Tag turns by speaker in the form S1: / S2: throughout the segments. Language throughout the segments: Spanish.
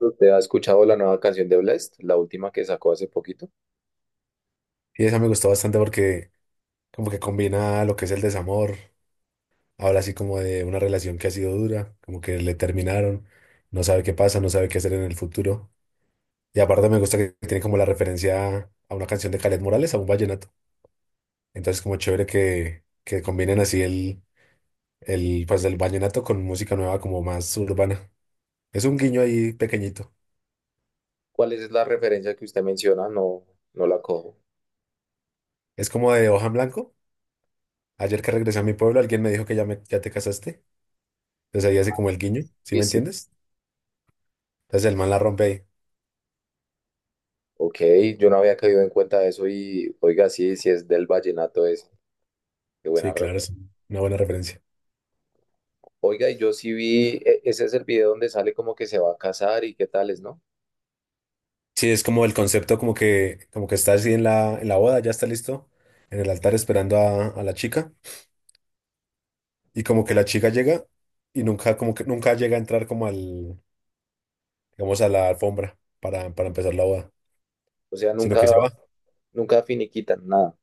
S1: ¿Usted ha escuchado la nueva canción de Blest, la última que sacó hace poquito?
S2: Y esa me gustó bastante porque como que combina lo que es el desamor, habla así como de una relación que ha sido dura, como que le terminaron, no sabe qué pasa, no sabe qué hacer en el futuro. Y aparte me gusta que tiene como la referencia a una canción de Caled Morales, a un vallenato. Entonces como chévere que combinen así pues el vallenato con música nueva como más urbana. Es un guiño ahí pequeñito.
S1: ¿Cuál es la referencia que usted menciona? No, no la cojo.
S2: Es como de hoja en blanco. Ayer que regresé a mi pueblo, alguien me dijo que ya te casaste. Entonces ahí hace como el guiño, ¿sí
S1: Y
S2: me
S1: sí,
S2: entiendes? Entonces el man la rompe ahí.
S1: ok, yo no había caído en cuenta de eso y oiga, sí, sí es del vallenato ese. Qué
S2: Sí,
S1: buena red.
S2: claro, es una buena referencia.
S1: Oiga, y yo sí vi, ese es el video donde sale como que se va a casar y qué tales, ¿no?
S2: Sí, es como el concepto como que está así en la boda, ya está listo, en el altar esperando a la chica, y como que la chica llega y nunca, como que nunca llega a entrar como al, digamos, a la alfombra para empezar la boda,
S1: O sea,
S2: sino que
S1: nunca,
S2: se va.
S1: nunca finiquitan nada.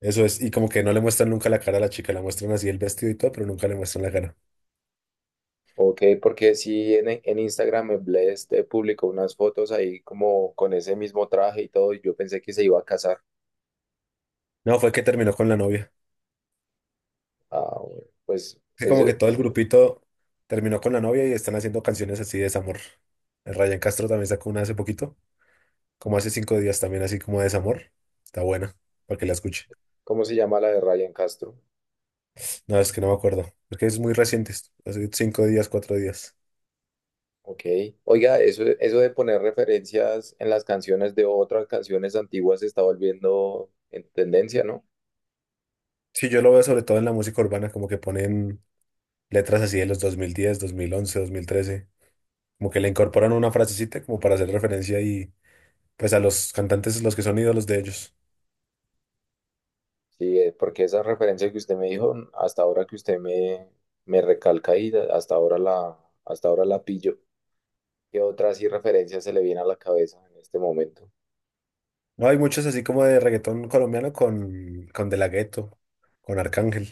S2: Eso es, y como que no le muestran nunca la cara a la chica, la muestran así el vestido y todo, pero nunca le muestran la cara.
S1: Ok, porque sí en Instagram Blessed publicó unas fotos ahí como con ese mismo traje y todo, y yo pensé que se iba a casar.
S2: No, fue que terminó con la novia.
S1: Ah, bueno, pues
S2: Es
S1: eso.
S2: como que todo el grupito terminó con la novia y están haciendo canciones así de desamor. El Ryan Castro también sacó una hace poquito como hace 5 días también, así como de desamor. Está buena, para que la escuche.
S1: ¿Cómo se llama la de Ryan Castro?
S2: No, es que no me acuerdo, porque es muy reciente, hace 5 días, 4 días.
S1: Ok. Oiga, eso de poner referencias en las canciones de otras canciones antiguas se está volviendo en tendencia, ¿no?
S2: Sí, yo lo veo sobre todo en la música urbana, como que ponen letras así de los dos mil diez, 2011, 2013, como que le incorporan una frasecita como para hacer referencia y pues a los cantantes, los que son ídolos de ellos.
S1: Sí, porque esa referencia que usted me dijo, hasta ahora que usted me recalca y hasta ahora la pillo. ¿Qué otra así referencia se le viene a la cabeza en este momento?
S2: No, hay muchos así como de reggaetón colombiano con De La Ghetto, con Arcángel.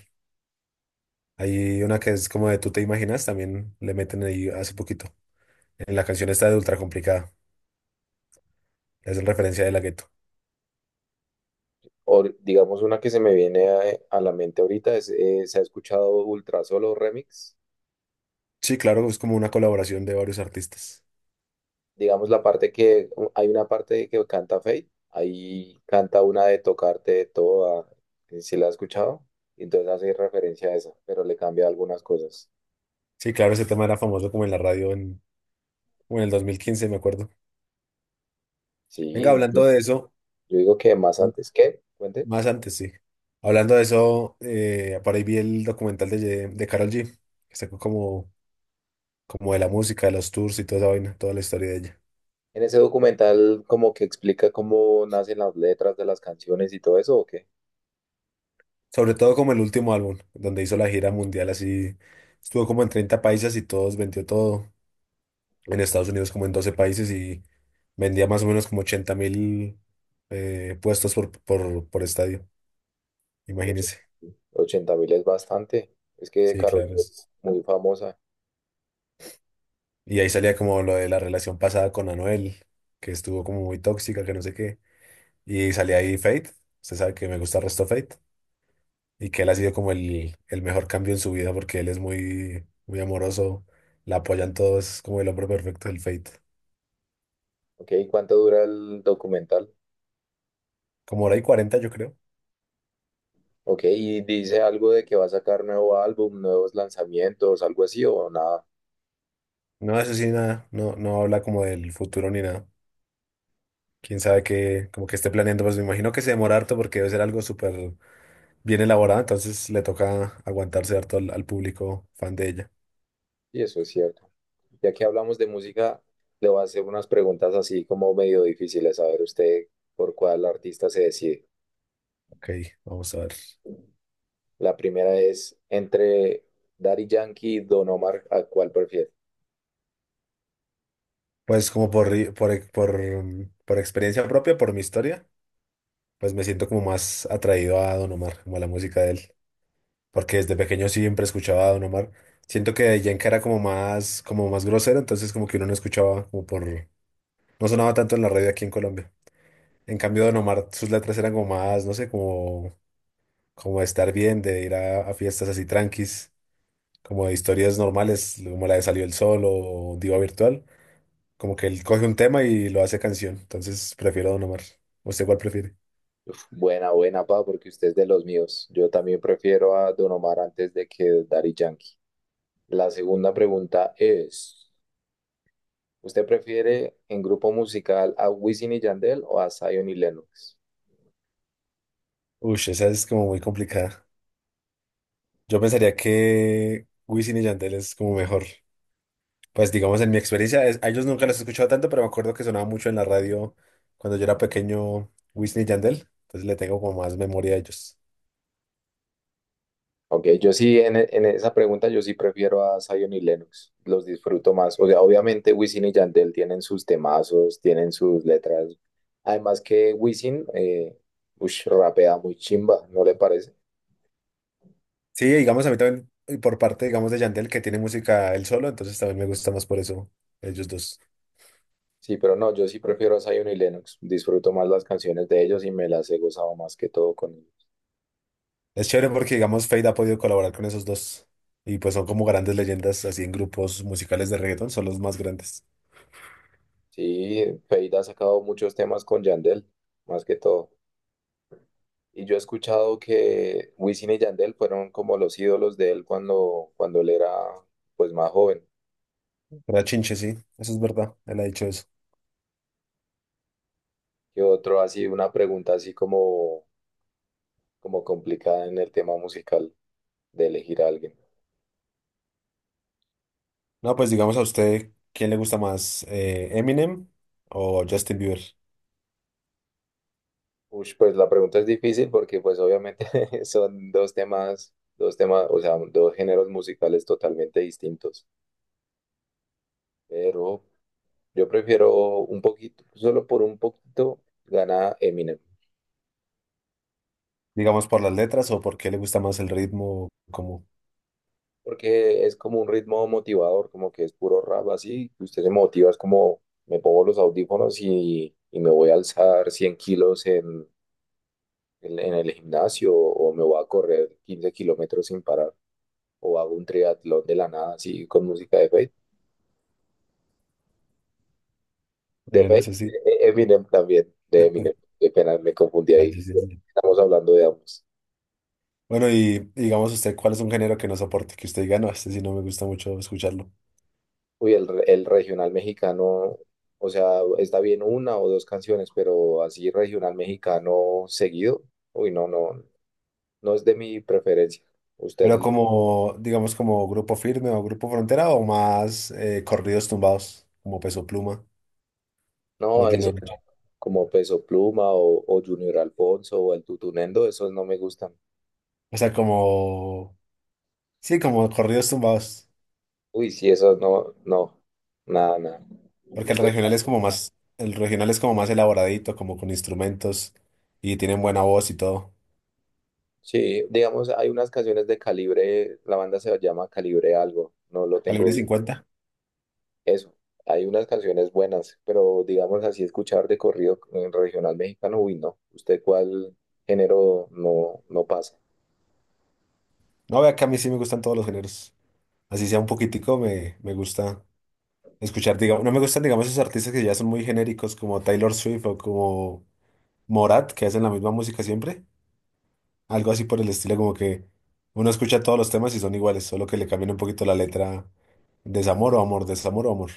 S2: Hay una que es como de Tú Te Imaginas, también le meten ahí hace poquito. En la canción está De Ultra Complicada. Es en referencia de La gueto.
S1: O digamos una que se me viene a la mente ahorita es. ¿Se ha escuchado Ultrasolo Remix?
S2: Sí, claro, es como una colaboración de varios artistas.
S1: Digamos la parte que hay una parte que canta Fate, ahí canta una de tocarte toda, si la has escuchado, entonces hace referencia a esa, pero le cambia algunas cosas.
S2: Sí, claro, ese tema era famoso como en la radio como en el 2015, me acuerdo.
S1: Sí,
S2: Venga,
S1: yo
S2: hablando de eso,
S1: yo digo que más antes, que cuente.
S2: más antes, sí. Hablando de eso, por ahí vi el documental de Karol G, que sacó como, como de la música, de los tours y toda esa vaina, toda la historia de ella.
S1: En ese documental como que explica cómo nacen las letras de las canciones y todo eso, ¿o qué?
S2: Sobre todo como el último álbum, donde hizo la gira mundial así, estuvo como en 30 países y todos, vendió todo. En Estados Unidos como en 12 países, y vendía más o menos como 80.000 puestos por, por estadio. Imagínense.
S1: 80.000 es bastante. Es que
S2: Sí,
S1: Karol
S2: claro.
S1: G es muy famosa.
S2: Y ahí salía como lo de la relación pasada con Anuel, que estuvo como muy tóxica, que no sé qué. Y salía ahí Fate. Usted sabe que me gusta el resto Fate. Y que él ha sido como el mejor cambio en su vida porque él es muy, muy amoroso. La apoyan todos, es como el hombre perfecto del Fate.
S1: Ok, ¿cuánto dura el documental?
S2: Como hora y cuarenta, yo creo.
S1: Ok, y dice algo de que va a sacar nuevo álbum, nuevos lanzamientos, algo así o nada.
S2: No, eso sí, nada. No, no habla como del futuro ni nada. Quién sabe, qué, como que esté planeando, pues me imagino que se demora harto porque debe ser algo súper bien elaborado, entonces le toca aguantarse harto al público fan de ella.
S1: Y eso es cierto. Ya que hablamos de música, le voy a hacer unas preguntas así como medio difíciles, a ver usted por cuál artista se decide.
S2: Ok, vamos a ver.
S1: La primera es, entre Daddy Yankee y Don Omar, ¿a cuál prefiere?
S2: Pues como por, ri- por, e- por, mm, por experiencia propia, por mi historia, pues me siento como más atraído a Don Omar, como a la música de él, porque desde pequeño siempre escuchaba a Don Omar. Siento que Yenka era como más grosero, entonces como que uno no escuchaba, no sonaba tanto en la radio aquí en Colombia. En cambio, Don Omar, sus letras eran como más, no sé, como de estar bien, de ir a fiestas así tranquis, como de historias normales, como la de Salió el Sol o Diva Virtual, como que él coge un tema y lo hace canción, entonces prefiero a Don Omar. ¿Usted cuál prefiere?
S1: Uf, buena, buena, pa, porque usted es de los míos. Yo también prefiero a Don Omar antes de que Daddy Yankee. La segunda pregunta es... ¿Usted prefiere en grupo musical a Wisin y Yandel o a Zion y Lennox?
S2: Uy, esa es como muy complicada. Yo pensaría que Wisin y Yandel es como mejor. Pues digamos, en mi experiencia, a ellos nunca los he escuchado tanto, pero me acuerdo que sonaba mucho en la radio cuando yo era pequeño Wisin y Yandel, entonces le tengo como más memoria a ellos.
S1: Ok, yo sí, en esa pregunta yo sí prefiero a Zion y Lennox, los disfruto más. O sea, obviamente Wisin y Yandel tienen sus temazos, tienen sus letras. Además que Wisin, ush, rapea muy chimba, ¿no le parece?
S2: Sí, digamos, a mí también, y por parte, digamos, de Yandel, que tiene música él solo, entonces también me gusta más por eso, ellos dos.
S1: Sí, pero no, yo sí prefiero a Zion y Lennox, disfruto más las canciones de ellos y me las he gozado más que todo con ellos.
S2: Es chévere porque, digamos, Fade ha podido colaborar con esos dos. Y pues son como grandes leyendas, así en grupos musicales de reggaetón, son los más grandes.
S1: Sí, Feid ha sacado muchos temas con Yandel, más que todo. Y yo he escuchado que Wisin y Yandel fueron como los ídolos de él cuando él era, pues, más joven.
S2: Era Chinche, sí, eso es verdad, él ha dicho eso.
S1: Y otro así, una pregunta así como complicada en el tema musical de elegir a alguien.
S2: No, pues digamos a usted, ¿quién le gusta más, Eminem o Justin Bieber?
S1: Ush, pues la pregunta es difícil porque pues obviamente son dos temas, o sea, dos géneros musicales totalmente distintos. Pero yo prefiero un poquito, solo por un poquito, gana Eminem.
S2: ¿Digamos por las letras o por qué le gusta más el ritmo, como?
S1: Porque es como un ritmo motivador, como que es puro rap así, y usted se motiva, es como me pongo los audífonos y me voy a alzar 100 kilos en el gimnasio o me voy a correr 15 kilómetros sin parar, o hago un triatlón de la nada así con música de Fate. De
S2: Bueno,
S1: Fate,
S2: eso sí.
S1: de Eminem también, de Eminem, qué pena, me confundí
S2: Ah,
S1: ahí,
S2: yo sí.
S1: sí,
S2: Sí.
S1: estamos hablando de ambos.
S2: Bueno, y digamos usted, ¿cuál es un género que no soporte? Que usted diga: no, este sí no me gusta mucho escucharlo.
S1: Uy, el regional mexicano, o sea, está bien una o dos canciones, pero así regional mexicano seguido, uy, no, no, no es de mi preferencia. Usted,
S2: Pero como, digamos, como Grupo Firme o Grupo Frontera, o más corridos tumbados, como Peso Pluma o
S1: no,
S2: Junior
S1: eso como,
S2: H.
S1: como Peso Pluma o Junior Alfonso o el Tutunendo, esos no me gustan.
S2: O sea, como, sí, como corridos tumbados.
S1: Uy, sí, esos no, no, nada, nada.
S2: Porque el
S1: Usted,
S2: regional es como más, el regional es como más elaboradito, como con instrumentos, y tienen buena voz y todo.
S1: sí, digamos, hay unas canciones de Calibre, la banda se llama Calibre algo, no lo tengo
S2: Calibre
S1: bien.
S2: 50.
S1: Eso, hay unas canciones buenas, pero digamos así, escuchar de corrido regional mexicano, uy, no. ¿Usted cuál género no, no pasa?
S2: No, vea que a mí sí me gustan todos los géneros. Así sea un poquitico, me gusta escuchar, digamos. No me gustan, digamos, esos artistas que ya son muy genéricos como Taylor Swift o como Morat, que hacen la misma música siempre. Algo así por el estilo, como que uno escucha todos los temas y son iguales, solo que le cambian un poquito la letra: desamor o amor, desamor o amor.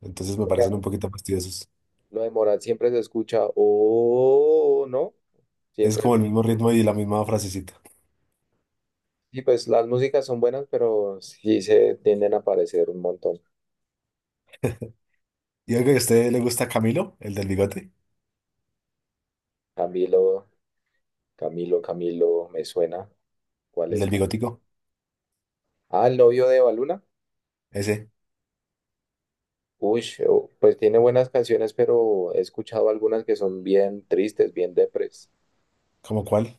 S2: Entonces me parecen un poquito fastidiosos.
S1: Lo de Morat siempre se escucha, oh, ¿no?
S2: Es
S1: Siempre,
S2: como el mismo ritmo y la misma frasecita.
S1: y pues las músicas son buenas, pero sí se tienden a aparecer un montón.
S2: Y algo, que ¿a usted le gusta Camilo, el del bigote?
S1: Camilo, Camilo, Camilo, me suena. ¿Cuál
S2: El
S1: es
S2: del
S1: Camilo?
S2: bigotico,
S1: Ah, el novio de Baluna.
S2: ese.
S1: Uy, oh, pues tiene buenas canciones, pero he escuchado algunas que son bien tristes, bien depres.
S2: ¿Como cuál?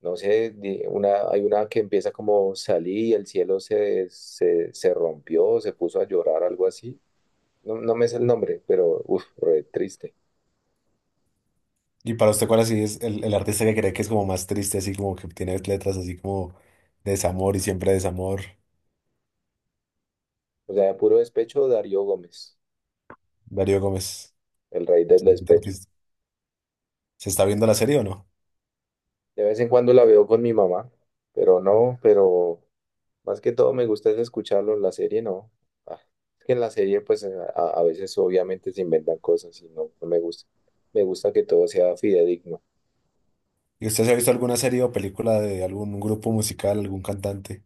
S1: No sé, una, hay una que empieza como: salí y el cielo se rompió, se puso a llorar, algo así. No, no me es el nombre, pero uff, re triste.
S2: Y para usted, ¿cuál así es el artista que cree que es como más triste, así como que tiene letras así como de desamor y siempre desamor?
S1: O sea, de puro despecho, Darío Gómez,
S2: Darío Gómez,
S1: el rey del
S2: excelente
S1: despecho.
S2: artista. ¿Se está viendo la serie o no?
S1: De vez en cuando la veo con mi mamá, pero no, pero más que todo me gusta es escucharlo en la serie, no. Ah, es que en la serie, pues a veces obviamente se inventan cosas y no, no me gusta. Me gusta que todo sea fidedigno.
S2: ¿Y usted se ha visto alguna serie o película de algún grupo musical, algún cantante?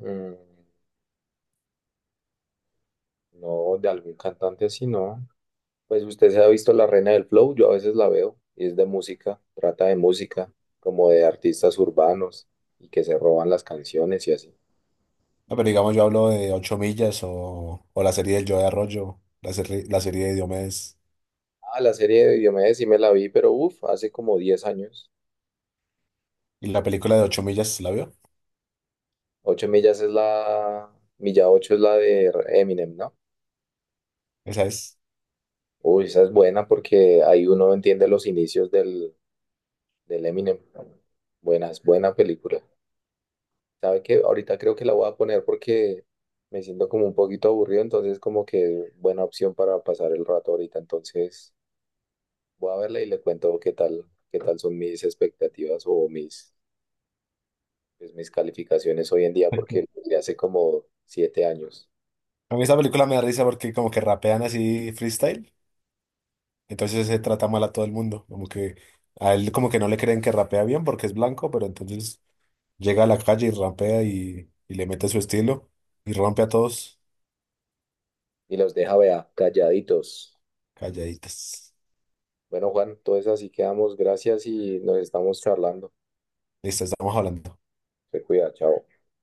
S1: Mm, no, de algún cantante así, no. Pues usted se ha visto La Reina del Flow, yo a veces la veo y es de música, trata de música, como de artistas urbanos y que se roban las canciones y así.
S2: Ah, pero digamos, yo hablo de Ocho Millas, o la serie del Joe de Arroyo, la serie de Diomedes.
S1: Ah, la serie de Diomedes sí me la vi, pero uff, hace como 10 años.
S2: ¿Y la película de Ocho Millas la vio?
S1: Ocho millas es la, milla Ocho es la de Eminem, ¿no?
S2: Esa es.
S1: Uy, esa es buena porque ahí uno entiende los inicios del Eminem. Buena, es buena película. ¿Sabe qué? Ahorita creo que la voy a poner porque me siento como un poquito aburrido, entonces como que buena opción para pasar el rato ahorita. Entonces voy a verla y le cuento qué tal son mis expectativas o pues mis calificaciones hoy en día, porque de hace como 7 años.
S2: A mí esa película me da risa porque como que rapean así freestyle. Entonces se trata mal a todo el mundo. Como que a él como que no le creen que rapea bien porque es blanco, pero entonces llega a la calle y rapea, y le mete su estilo y rompe a todos
S1: Y los deja, vea, calladitos.
S2: calladitas.
S1: Bueno, Juan, entonces así quedamos. Gracias y nos estamos charlando.
S2: Listo, estamos hablando.
S1: Se cuida, chao.